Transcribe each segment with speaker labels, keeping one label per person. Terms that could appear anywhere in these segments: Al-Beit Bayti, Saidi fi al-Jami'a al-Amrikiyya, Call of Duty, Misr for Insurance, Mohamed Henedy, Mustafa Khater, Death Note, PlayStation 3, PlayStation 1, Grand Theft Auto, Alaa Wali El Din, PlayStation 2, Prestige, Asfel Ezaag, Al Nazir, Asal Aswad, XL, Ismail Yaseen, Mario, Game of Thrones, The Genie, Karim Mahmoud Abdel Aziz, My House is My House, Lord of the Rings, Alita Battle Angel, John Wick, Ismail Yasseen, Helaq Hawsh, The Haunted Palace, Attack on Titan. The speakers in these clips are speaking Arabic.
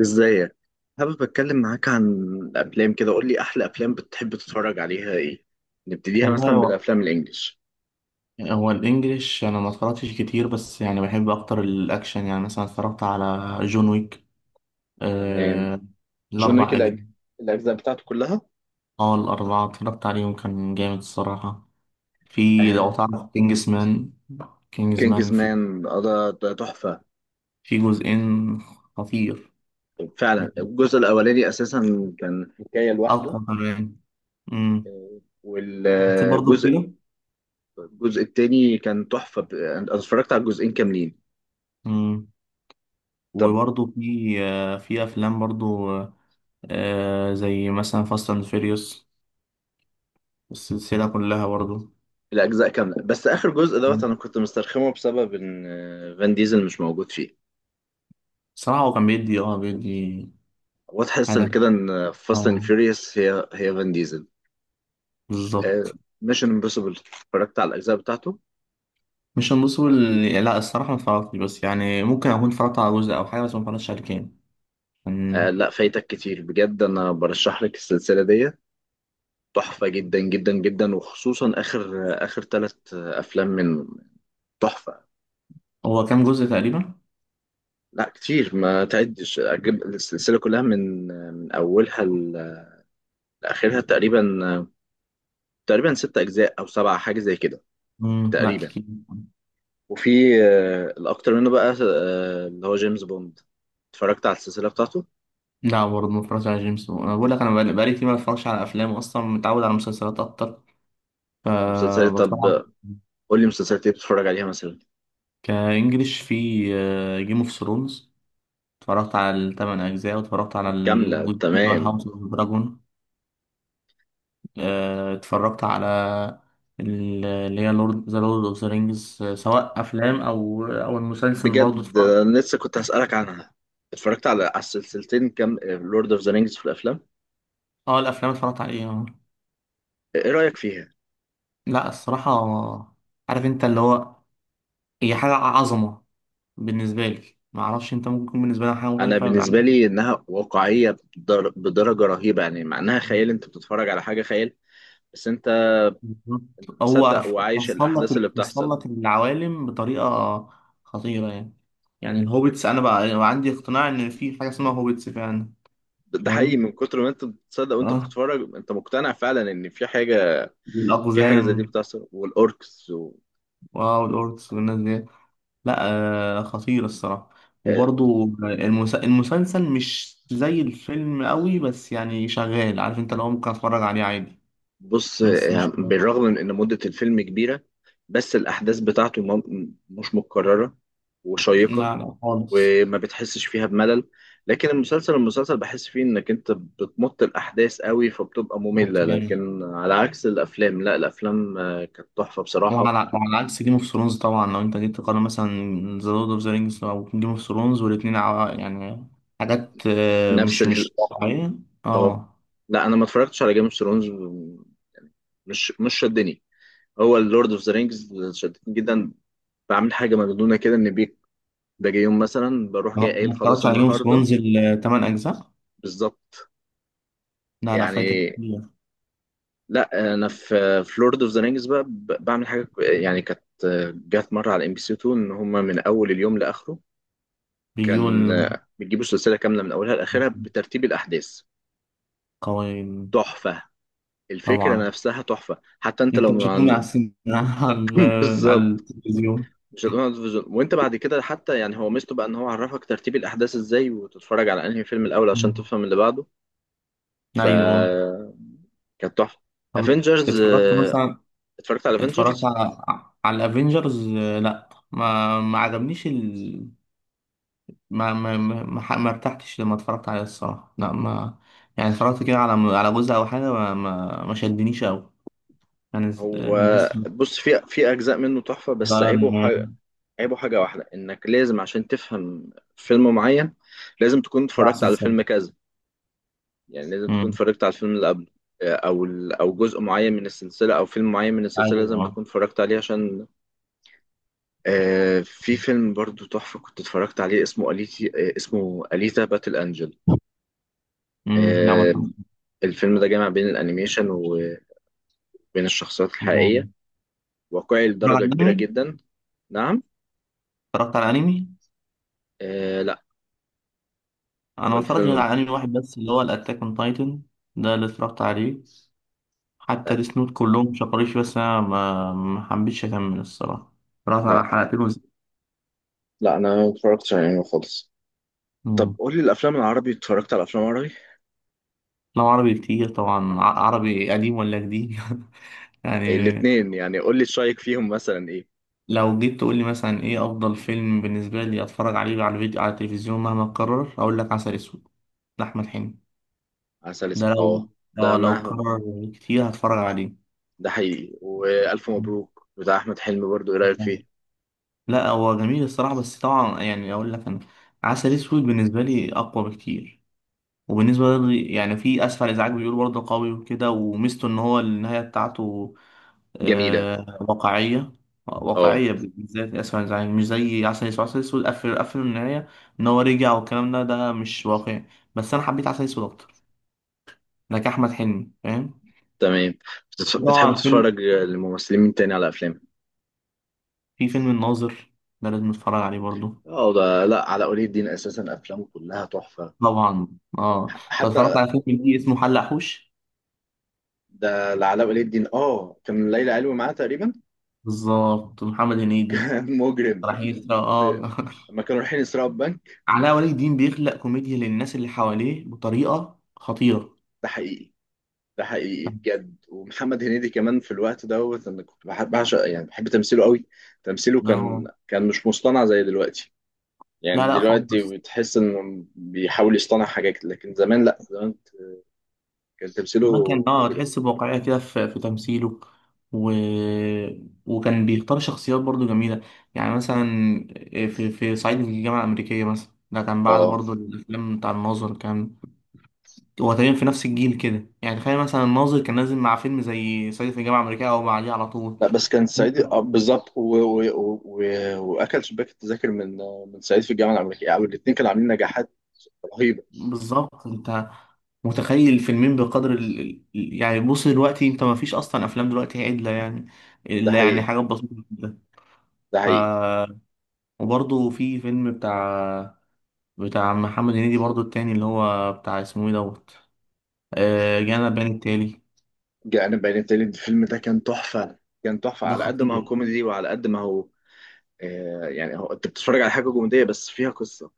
Speaker 1: ازيك؟ حابب اتكلم معاك عن الافلام. كده قول لي، احلى افلام بتحب تتفرج عليها ايه؟ نبتديها
Speaker 2: والله
Speaker 1: مثلا
Speaker 2: هو
Speaker 1: بالافلام الانجليش.
Speaker 2: هو الانجليش، انا ما اتفرجتش كتير، بس يعني بحب اكتر الاكشن. يعني مثلا اتفرجت على جون ويك.
Speaker 1: تمام.
Speaker 2: آه،
Speaker 1: جون ويك
Speaker 2: الاربع اجزاء.
Speaker 1: الاجزاء بتاعته كلها.
Speaker 2: اه، الاربعه اتفرجت عليهم، كان جامد الصراحه. في،
Speaker 1: آه.
Speaker 2: لو تعرف كينجز مان كينجز
Speaker 1: كينجز
Speaker 2: مان في
Speaker 1: مان ده تحفه.
Speaker 2: في جزئين، خطير
Speaker 1: فعلا
Speaker 2: يعني،
Speaker 1: الجزء الاولاني اساسا كان حكايه
Speaker 2: اقوى
Speaker 1: لوحده.
Speaker 2: كمان. امم حسيت برضه
Speaker 1: والجزء
Speaker 2: كده.
Speaker 1: الجزء التاني كان تحفه. انا اتفرجت على الجزئين كاملين.
Speaker 2: امم
Speaker 1: طب
Speaker 2: وبرضه في، في افلام برضه، زي مثلا فاست اند فيريوس، السلسله كلها برضه.
Speaker 1: الاجزاء كامله، بس اخر جزء دوت انا كنت مسترخمه بسبب ان فان ديزل مش موجود فيه.
Speaker 2: صراحة هو كان بيدي
Speaker 1: هو تحس ان
Speaker 2: حاجة.
Speaker 1: كده ان فاست اند
Speaker 2: اه،
Speaker 1: فيوريوس هي فان ديزل.
Speaker 2: بالظبط.
Speaker 1: ميشن امبوسيبل اتفرجت على الاجزاء بتاعته.
Speaker 2: مش المسؤول. لا الصراحة ما اتفرجتش، بس يعني ممكن أكون اتفرجت على جزء أو حاجة، بس ما اتفرجتش على كام
Speaker 1: آه
Speaker 2: كان.
Speaker 1: لا، فايتك كتير بجد، انا برشح لك السلسله دي. تحفه جدا جدا جدا، وخصوصا اخر اخر ثلاث افلام من... تحفه.
Speaker 2: هو كام جزء تقريبا؟
Speaker 1: لا كتير، ما تعدش. أجيب السلسله كلها من اولها لاخرها تقريبا. تقريبا ست اجزاء او سبعه، حاجه زي كده
Speaker 2: مم. لا
Speaker 1: تقريبا.
Speaker 2: كتير.
Speaker 1: وفي الاكتر منه بقى، اللي هو جيمس بوند. اتفرجت على السلسله بتاعته.
Speaker 2: لا برضه ما اتفرجتش على جيمس بوند. أنا بقول لك، أنا بقالي كتير ما اتفرجش على أفلام أصلا، متعود على مسلسلات أكتر.
Speaker 1: مسلسلات؟ طب
Speaker 2: فبتفرج
Speaker 1: قول لي مسلسلات ايه بتتفرج عليها مثلا؟
Speaker 2: كإنجليش، في جيم اوف ثرونز، اتفرجت على الثمان أجزاء، واتفرجت على
Speaker 1: كاملة،
Speaker 2: الجزء اللي هو
Speaker 1: تمام.
Speaker 2: هاوس اوف دراجون. اتفرجت على اللي هي ذا لورد اوف ذا رينجز، سواء افلام او او المسلسل برضه
Speaker 1: بجد
Speaker 2: اتفرجت.
Speaker 1: أنا لسه كنت هسألك عنها. اتفرجت على السلسلتين؟ كام لورد اوف ذا رينجز في الافلام؟
Speaker 2: اه، الافلام اتفرجت عليها.
Speaker 1: ايه رأيك فيها؟
Speaker 2: لا الصراحه، عارف انت اللي هو، هي حاجه عظمه بالنسبه لي، ما اعرفش انت ممكن يكون بالنسبه لك حاجه
Speaker 1: انا
Speaker 2: مختلفه
Speaker 1: بالنسبة
Speaker 2: عن-.
Speaker 1: لي انها واقعية بدرجة رهيبة، يعني مع انها خيال، انت بتتفرج على حاجة خيال بس انت
Speaker 2: بالظبط. هو
Speaker 1: مصدق وعايش
Speaker 2: وصل لك
Speaker 1: الاحداث اللي
Speaker 2: ال- وصل
Speaker 1: بتحصل.
Speaker 2: لك العوالم بطريقه خطيره يعني. يعني الهوبيتس انا بقى عندي اقتناع ان في حاجه اسمها هوبيتس فعلا.
Speaker 1: ده حقيقي،
Speaker 2: فاهم،
Speaker 1: من كتر ما انت بتصدق وانت
Speaker 2: اه،
Speaker 1: بتتفرج، انت مقتنع فعلا ان في حاجة. في حاجة زي دي
Speaker 2: والاقزام،
Speaker 1: بتحصل، والاوركس.
Speaker 2: واو الأوركس والناس دي. لا، آه، خطير الصراحة. وبرضو مم. المسلسل مش زي الفيلم قوي، بس يعني شغال، عارف انت، لو ممكن اتفرج عليه عادي.
Speaker 1: بص
Speaker 2: بس
Speaker 1: يعني
Speaker 2: مش،
Speaker 1: بالرغم من ان مدة الفيلم كبيرة، بس الاحداث بتاعته مش متكررة، وشيقة،
Speaker 2: لا لا خالص.
Speaker 1: وما بتحسش فيها بملل. لكن المسلسل، المسلسل بحس فيه انك انت بتمط الاحداث قوي فبتبقى مملة،
Speaker 2: بط جامد.
Speaker 1: لكن على عكس الافلام، لا الافلام كانت تحفة بصراحة.
Speaker 2: وعلى عكس جيم اوف ثرونز طبعا، لو انت جيت تقارن مثلا ذا لورد اوف ذا رينجز او جيم اوف ثرونز، والاتنين ع- يعني حاجات،
Speaker 1: نفس
Speaker 2: مش
Speaker 1: ال...
Speaker 2: مش واقعية.
Speaker 1: اه،
Speaker 2: اه.
Speaker 1: لا انا ما اتفرجتش على جيم اوف ثرونز. مش شدني. هو اللورد اوف ذا رينجز شدتني جدا. بعمل حاجة مجنونة كده، ان باجي يوم مثلا بروح جاي
Speaker 2: ما
Speaker 1: قايل
Speaker 2: ما
Speaker 1: خلاص
Speaker 2: اتفرجتش على جيم اوف
Speaker 1: النهارده.
Speaker 2: ثرونز الثمان اجزاء.
Speaker 1: بالظبط،
Speaker 2: لا لا، فايتك
Speaker 1: يعني.
Speaker 2: كتير.
Speaker 1: لا انا في لورد اوف ذا رينجز بقى بعمل حاجه يعني كانت. جت مره على ام بي سي 2 ان هم من اول اليوم لاخره، كان
Speaker 2: بيقول
Speaker 1: بيجيبوا السلسله كامله من اولها لاخرها بترتيب الاحداث.
Speaker 2: قوي.
Speaker 1: تحفه. الفكره
Speaker 2: طبعا
Speaker 1: نفسها تحفه، حتى انت
Speaker 2: انت
Speaker 1: لو
Speaker 2: مش هتقوم على
Speaker 1: عن...
Speaker 2: السن على على
Speaker 1: بالظبط.
Speaker 2: التلفزيون.
Speaker 1: مش هتقول عن الفيجن. وانت بعد كده حتى، يعني هو ميزته بقى ان هو عرفك ترتيب الاحداث ازاي، وتتفرج على انهي فيلم الاول عشان
Speaker 2: مم.
Speaker 1: تفهم اللي بعده. ف
Speaker 2: ايوه.
Speaker 1: كانت تحفه.
Speaker 2: طب
Speaker 1: افنجرز،
Speaker 2: اتفرجت مثلا،
Speaker 1: اتفرجت على
Speaker 2: اتفرجت
Speaker 1: افنجرز.
Speaker 2: على الافينجرز، لا ما عجبنيش ال...، ما ارتحتش لما اتفرجت عليه الصراحه. لا ما، يعني اتفرجت كده على جزء او حاجه، ما شدنيش قوي يعني.
Speaker 1: هو
Speaker 2: الناس
Speaker 1: بص، في اجزاء منه تحفه، بس
Speaker 2: بقى
Speaker 1: عيبه حاجه واحده، انك لازم عشان تفهم فيلم معين، لازم تكون
Speaker 2: بتاع
Speaker 1: اتفرجت على
Speaker 2: سلسله.
Speaker 1: فيلم كذا. يعني لازم تكون
Speaker 2: امم.
Speaker 1: اتفرجت على الفيلم اللي قبله، او او جزء معين من السلسله او فيلم معين من السلسله لازم
Speaker 2: ايوه.
Speaker 1: تكون اتفرجت عليه عشان... في فيلم برضو تحفه كنت اتفرجت عليه، اسمه اليتا باتل انجل.
Speaker 2: امم، لا ما
Speaker 1: آه
Speaker 2: اتفرجتش.
Speaker 1: الفيلم ده جامع بين الانيميشن، بين الشخصيات
Speaker 2: اتفرجت
Speaker 1: الحقيقية. واقعي
Speaker 2: على
Speaker 1: لدرجة كبيرة
Speaker 2: انمي؟
Speaker 1: جدا. نعم.
Speaker 2: اتفرجت على انمي.
Speaker 1: آه لا،
Speaker 2: انا
Speaker 1: هو
Speaker 2: ما اتفرجتش غير
Speaker 1: الفيلم.
Speaker 2: على انمي واحد بس اللي هو الاتاك اون تايتن، ده اللي اتفرجت عليه. حتى
Speaker 1: لا،
Speaker 2: ديس نوت كلهم شكروليش بس انا ما حبيتش اكمل الصراحه. اتفرجت على
Speaker 1: لا،
Speaker 2: حلقتين وز...
Speaker 1: لا أنا ما اتفرجتش على أنمي خالص. طب
Speaker 2: مم.
Speaker 1: قول لي، الأفلام العربي، اتفرجت على أفلام عربي؟
Speaker 2: لو عربي كتير طبعا، ع- عربي قديم ولا جديد؟
Speaker 1: إيه،
Speaker 2: يعني،
Speaker 1: الاتنين يعني. قول لي شايك فيهم مثلا إيه؟
Speaker 2: لو جيت تقول لي مثلا ايه افضل فيلم بالنسبه لي اتفرج عليه على الفيديو على التلفزيون مهما اتكرر، اقول لك عسل اسود، لاحمد حلمي.
Speaker 1: عسل أسود،
Speaker 2: ده لو،
Speaker 1: أه. ده
Speaker 2: لو
Speaker 1: ما...
Speaker 2: اتكرر كتير هتفرج عليه.
Speaker 1: ده حقيقي. وألف مبروك بتاع أحمد حلمي برضو، إيه رأيك فيه؟
Speaker 2: لا هو جميل الصراحة، بس طبعا يعني أقول لك، أنا عسل أسود بالنسبة لي أقوى بكتير. وبالنسبة لي يعني في أسفل إزعاج، بيقول برضه قوي وكده، وميزته إن هو النهاية بتاعته
Speaker 1: جميلة.
Speaker 2: آه، واقعية.
Speaker 1: أه،
Speaker 2: واقعية بالذات أسفل إزعاج، مش زي عسل أسود. عسل أسود قفل قفل النهاية إن هو رجع، والكلام ده مش واقعي. بس أنا حبيت عسل أسود أكتر، لك أحمد حلمي، فاهم.
Speaker 1: تمام. بتحب
Speaker 2: طبعا فيلم،
Speaker 1: تتفرج للممثلين مين تاني على أفلام؟
Speaker 2: في فيلم الناظر، ده لازم نتفرج عليه برضه.
Speaker 1: اه، ده لا، علاء ولي الدين اساسا افلامه كلها تحفه.
Speaker 2: طبعا. اه، انت اتفرجت
Speaker 1: حتى
Speaker 2: على فيلم ليه اسمه حلق حوش؟
Speaker 1: ده لعلاء ولي الدين، اه كان ليلى علوي معاه تقريبا.
Speaker 2: بالظبط، محمد هنيدي.
Speaker 1: مجرم.
Speaker 2: راح يسرى،
Speaker 1: في-
Speaker 2: اه
Speaker 1: لما كانوا رايحين يسرقوا البنك.
Speaker 2: علاء ولي الدين بيخلق كوميديا للناس اللي حواليه بطريقة خطيرة.
Speaker 1: ده حقيقي. ده حقيقي بجد. ومحمد هنيدي كمان في الوقت دوت انا كنت بحب بعشق، يعني بحب تمثيله قوي. تمثيله
Speaker 2: إن هو،
Speaker 1: كان مش مصطنع زي دلوقتي.
Speaker 2: لا
Speaker 1: يعني
Speaker 2: لا خالص.
Speaker 1: دلوقتي بتحس انه بيحاول يصطنع حاجات، لكن زمان، لا زمان كان تمثيله
Speaker 2: كمان كان،
Speaker 1: مجرم.
Speaker 2: تحس بواقعية كده في تمثيله. و... وكان بيختار شخصيات برضو جميلة، يعني مثلا آه، في في صعيدي في الجامعة الأمريكية مثلا، ده كان بعد
Speaker 1: اه
Speaker 2: برضو الأفلام بتاع الناظر. كان هو تقريبا في نفس الجيل كده. يعني تخيل مثلا الناظر كان نازل مع فيلم زي صعيدي في الجامعة الأمريكية أو بعديه على طول.
Speaker 1: لا، بس كان سعيد آه بالظبط. واكل شباك التذاكر من سعيد في الجامعه الامريكيه، يعني الاثنين كانوا عاملين نجاحات رهيبه.
Speaker 2: بالظبط، انت متخيل الفيلمين بقدر ال... ال- يعني. بص دلوقتي انت ما فيش اصلا افلام دلوقتي عدله يعني،
Speaker 1: ده
Speaker 2: الا يعني
Speaker 1: حقيقي.
Speaker 2: حاجات بسيطه جدا.
Speaker 1: ده
Speaker 2: ف،
Speaker 1: حقيقي.
Speaker 2: وبرضه في فيلم بتاع محمد هنيدي برضه التاني اللي هو بتاع، اسمه ايه دوت، جانا بيان التالي.
Speaker 1: جاءنا بيان التالي، الفيلم ده كان تحفة. كان تحفة
Speaker 2: ده
Speaker 1: على قد ما هو
Speaker 2: خطير.
Speaker 1: كوميدي، وعلى قد ما هو... يعني هو انت بتتفرج على حاجة كوميدية بس فيها قصة،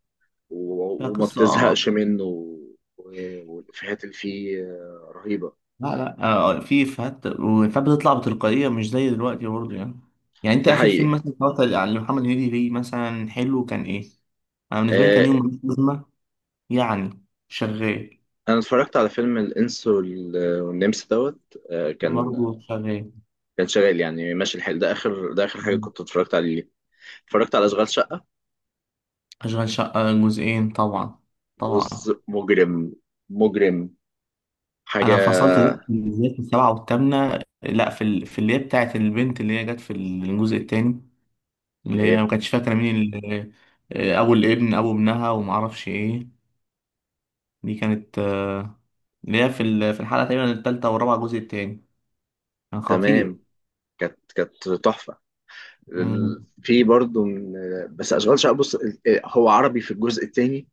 Speaker 2: ده
Speaker 1: وما
Speaker 2: قصه،
Speaker 1: بتزهقش
Speaker 2: اه.
Speaker 1: منه، والإفيهات اللي فيه رهيبة.
Speaker 2: لا لا، في افيهات وافيهات بتطلع بتلقائيه مش زي دلوقتي برضه يعني. يعني انت
Speaker 1: ده
Speaker 2: اخر فيلم
Speaker 1: حقيقي.
Speaker 2: مثلا اتفرجت على محمد هنيدي ليه مثلا حلو كان ايه؟ انا بالنسبه لي
Speaker 1: آه
Speaker 2: كان يوم، يعني شغال.
Speaker 1: أنا اتفرجت على فيلم الإنس والنمس دوت. آه كان
Speaker 2: برضه شغال.
Speaker 1: كان شغال، يعني ماشي الحال. ده آخر، ده آخر حاجة
Speaker 2: مم.
Speaker 1: كنت اتفرجت عليه. اتفرجت على أشغال شقة.
Speaker 2: أشغال شقة جزئين طبعا. طبعا.
Speaker 1: بص مجرم. مجرم
Speaker 2: أنا
Speaker 1: حاجة،
Speaker 2: فصلت ده بالذات في السبعة والثامنة، لأ في ال...، في اللي هي بتاعت البنت اللي هي جت في الجزء التاني،
Speaker 1: اللي
Speaker 2: اللي هي
Speaker 1: هي
Speaker 2: ما كانتش فاكرة مين اللي...، أبو ابنها ومعرفش إيه. دي كانت اللي هي في ال...، في الحلقة تقريبا التالتة والرابعة الجزء التاني، كان خطير.
Speaker 1: تمام. كانت تحفه.
Speaker 2: مم.
Speaker 1: في برضه من... بس اشغال شقه بص، إيه، هو عربي في الجزء الثاني.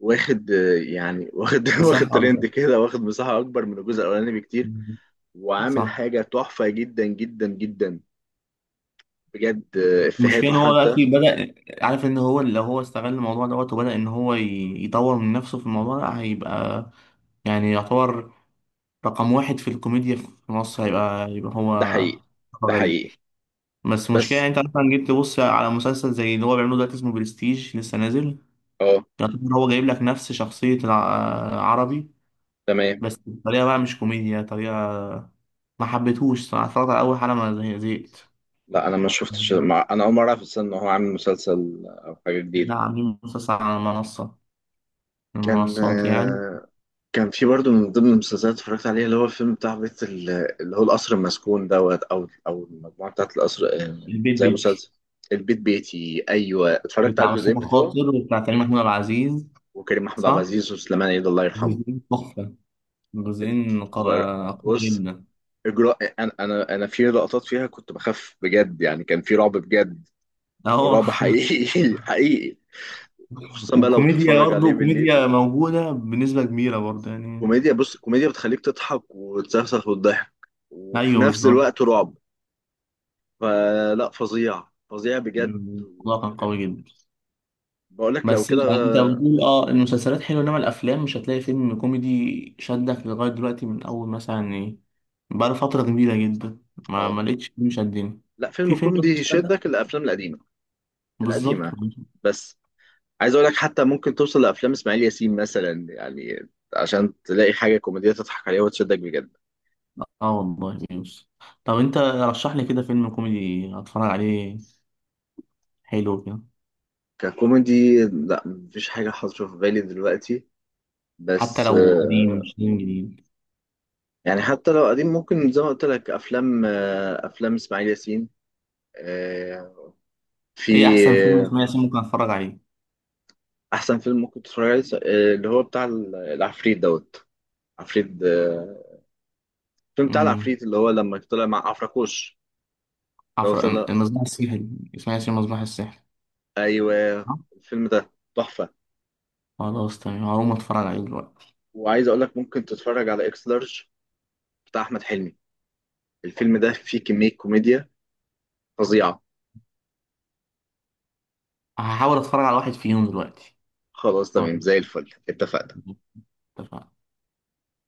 Speaker 1: واخد آه، يعني واخد واخد
Speaker 2: مساحة أكبر.
Speaker 1: ترند كده، واخد مساحه اكبر من الجزء الاولاني بكتير.
Speaker 2: مم.
Speaker 1: وعامل
Speaker 2: صح.
Speaker 1: حاجه تحفه جدا جدا جدا. بجد
Speaker 2: المشكلة
Speaker 1: افيهاته
Speaker 2: ان هو
Speaker 1: حتى...
Speaker 2: دلوقتي بدأ، عارف ان هو لو هو استغل الموضوع دوت، وبدأ ان هو ي- يطور من نفسه في الموضوع ده، هيبقى يعني يعتبر رقم واحد في الكوميديا في مصر. هيبقى يبقى
Speaker 1: ده
Speaker 2: هو
Speaker 1: حقيقي. ده
Speaker 2: غريب.
Speaker 1: حقيقي
Speaker 2: بس المشكلة يعني
Speaker 1: بس.
Speaker 2: انت مثلا جيت تبص على مسلسل زي اللي هو بيعمله دلوقتي اسمه برستيج لسه نازل.
Speaker 1: اه
Speaker 2: يعتبر هو جايب لك نفس شخصية العربي،
Speaker 1: تمام.
Speaker 2: بس بطريقة بقى مش كوميديا، طريقة ما حبيتهوش صراحة. اتفرجت على أول حلقة ما زه-، زهقت.
Speaker 1: لا انا ما شفتش، ما انا اول مره اعرف أصلاً ان هو عامل مسلسل او حاجه
Speaker 2: لا
Speaker 1: جديده.
Speaker 2: عاملين مسلسل على منصة، من
Speaker 1: كان
Speaker 2: المنصات يعني.
Speaker 1: آه، كان في برضه من ضمن المسلسلات اللي اتفرجت عليها، اللي هو الفيلم بتاع بيت اللي هو القصر المسكون دوت او المجموعه بتاعت القصر،
Speaker 2: البيت
Speaker 1: زي
Speaker 2: بيتي
Speaker 1: مسلسل البيت بيتي. ايوه، اتفرجت على
Speaker 2: بتاع
Speaker 1: الجزئين
Speaker 2: مصطفى
Speaker 1: بتوعه.
Speaker 2: خاطر وبتاع كريم محمود عبد العزيز.
Speaker 1: وكريم محمود عبد
Speaker 2: صح؟
Speaker 1: العزيز وسليمان عيد الله يرحمه.
Speaker 2: جزئين تحفة، جزئين
Speaker 1: اتفر-
Speaker 2: قا- قوية
Speaker 1: بص
Speaker 2: جدا.
Speaker 1: اجراء، انا في لقطات فيها كنت بخاف بجد، يعني كان في رعب بجد.
Speaker 2: اهو
Speaker 1: رعب حقيقي حقيقي. وخصوصا بقى لو
Speaker 2: والكوميديا
Speaker 1: تتفرج عليه
Speaker 2: برضه
Speaker 1: بالليل.
Speaker 2: كوميديا موجودة بنسبة كبيرة برضه يعني.
Speaker 1: كوميديا؟ بص كوميديا بتخليك تضحك وتسخسخ وتضحك، وفي
Speaker 2: ايوه
Speaker 1: نفس
Speaker 2: بالظبط.
Speaker 1: الوقت رعب. فلا، فظيع فظيع بجد.
Speaker 2: الموضوع كان قوي جدا.
Speaker 1: بقول لك لو
Speaker 2: بس
Speaker 1: كده.
Speaker 2: يعني انت بتقول اه المسلسلات حلوة، انما الافلام مش هتلاقي فيلم كوميدي شدك لغاية دلوقتي من اول مثلا ايه، بقى فترة كبيرة جدا ما
Speaker 1: اه،
Speaker 2: ما لقيتش فيلم شدني.
Speaker 1: لا فيلم
Speaker 2: في
Speaker 1: كوميدي
Speaker 2: فيلم شدك؟
Speaker 1: يشدك، الافلام القديمه.
Speaker 2: بالظبط.
Speaker 1: القديمه بس، عايز اقول لك حتى ممكن توصل لافلام اسماعيل ياسين مثلا يعني، عشان تلاقي حاجه كوميديه تضحك عليها وتشدك بجد.
Speaker 2: اه، والله بيوس. طب انت رشح لي كده فيلم كوميدي اتفرج عليه حلو كده.
Speaker 1: ككوميدي، لا مفيش حاجه حاضره في بالي دلوقتي.
Speaker 2: حتى
Speaker 1: بس
Speaker 2: لو قديم، مش لازم جديد.
Speaker 1: يعني حتى لو قديم ممكن زي ما قلت لك، افلام اسماعيل ياسين. آه، في
Speaker 2: ايه احسن فيلم
Speaker 1: آه،
Speaker 2: اسماعيل ياسين ممكن اتفرج عليه؟
Speaker 1: احسن فيلم ممكن تتفرج عليه اللي هو بتاع العفريت دوت. عفريت، الفيلم بتاع
Speaker 2: امم،
Speaker 1: العفريت اللي هو لما طلع مع عفراكوش، اللي هو
Speaker 2: عفر،
Speaker 1: طلع.
Speaker 2: المصباح السحري. اسماعيل ياسين، المصباح السحري.
Speaker 1: ايوه،
Speaker 2: آه،
Speaker 1: الفيلم ده تحفه.
Speaker 2: خلاص تمام، هقوم اتفرج عليه دلوقتي.
Speaker 1: وعايز اقول لك، ممكن تتفرج على اكس لارج بتاع احمد حلمي. الفيلم ده فيه كميه كوميديا فظيعه.
Speaker 2: هحاول اتفرج على واحد فيهم دلوقتي.
Speaker 1: خلاص
Speaker 2: خلاص،
Speaker 1: تمام، زي الفل، اتفقنا.
Speaker 2: اتفقنا.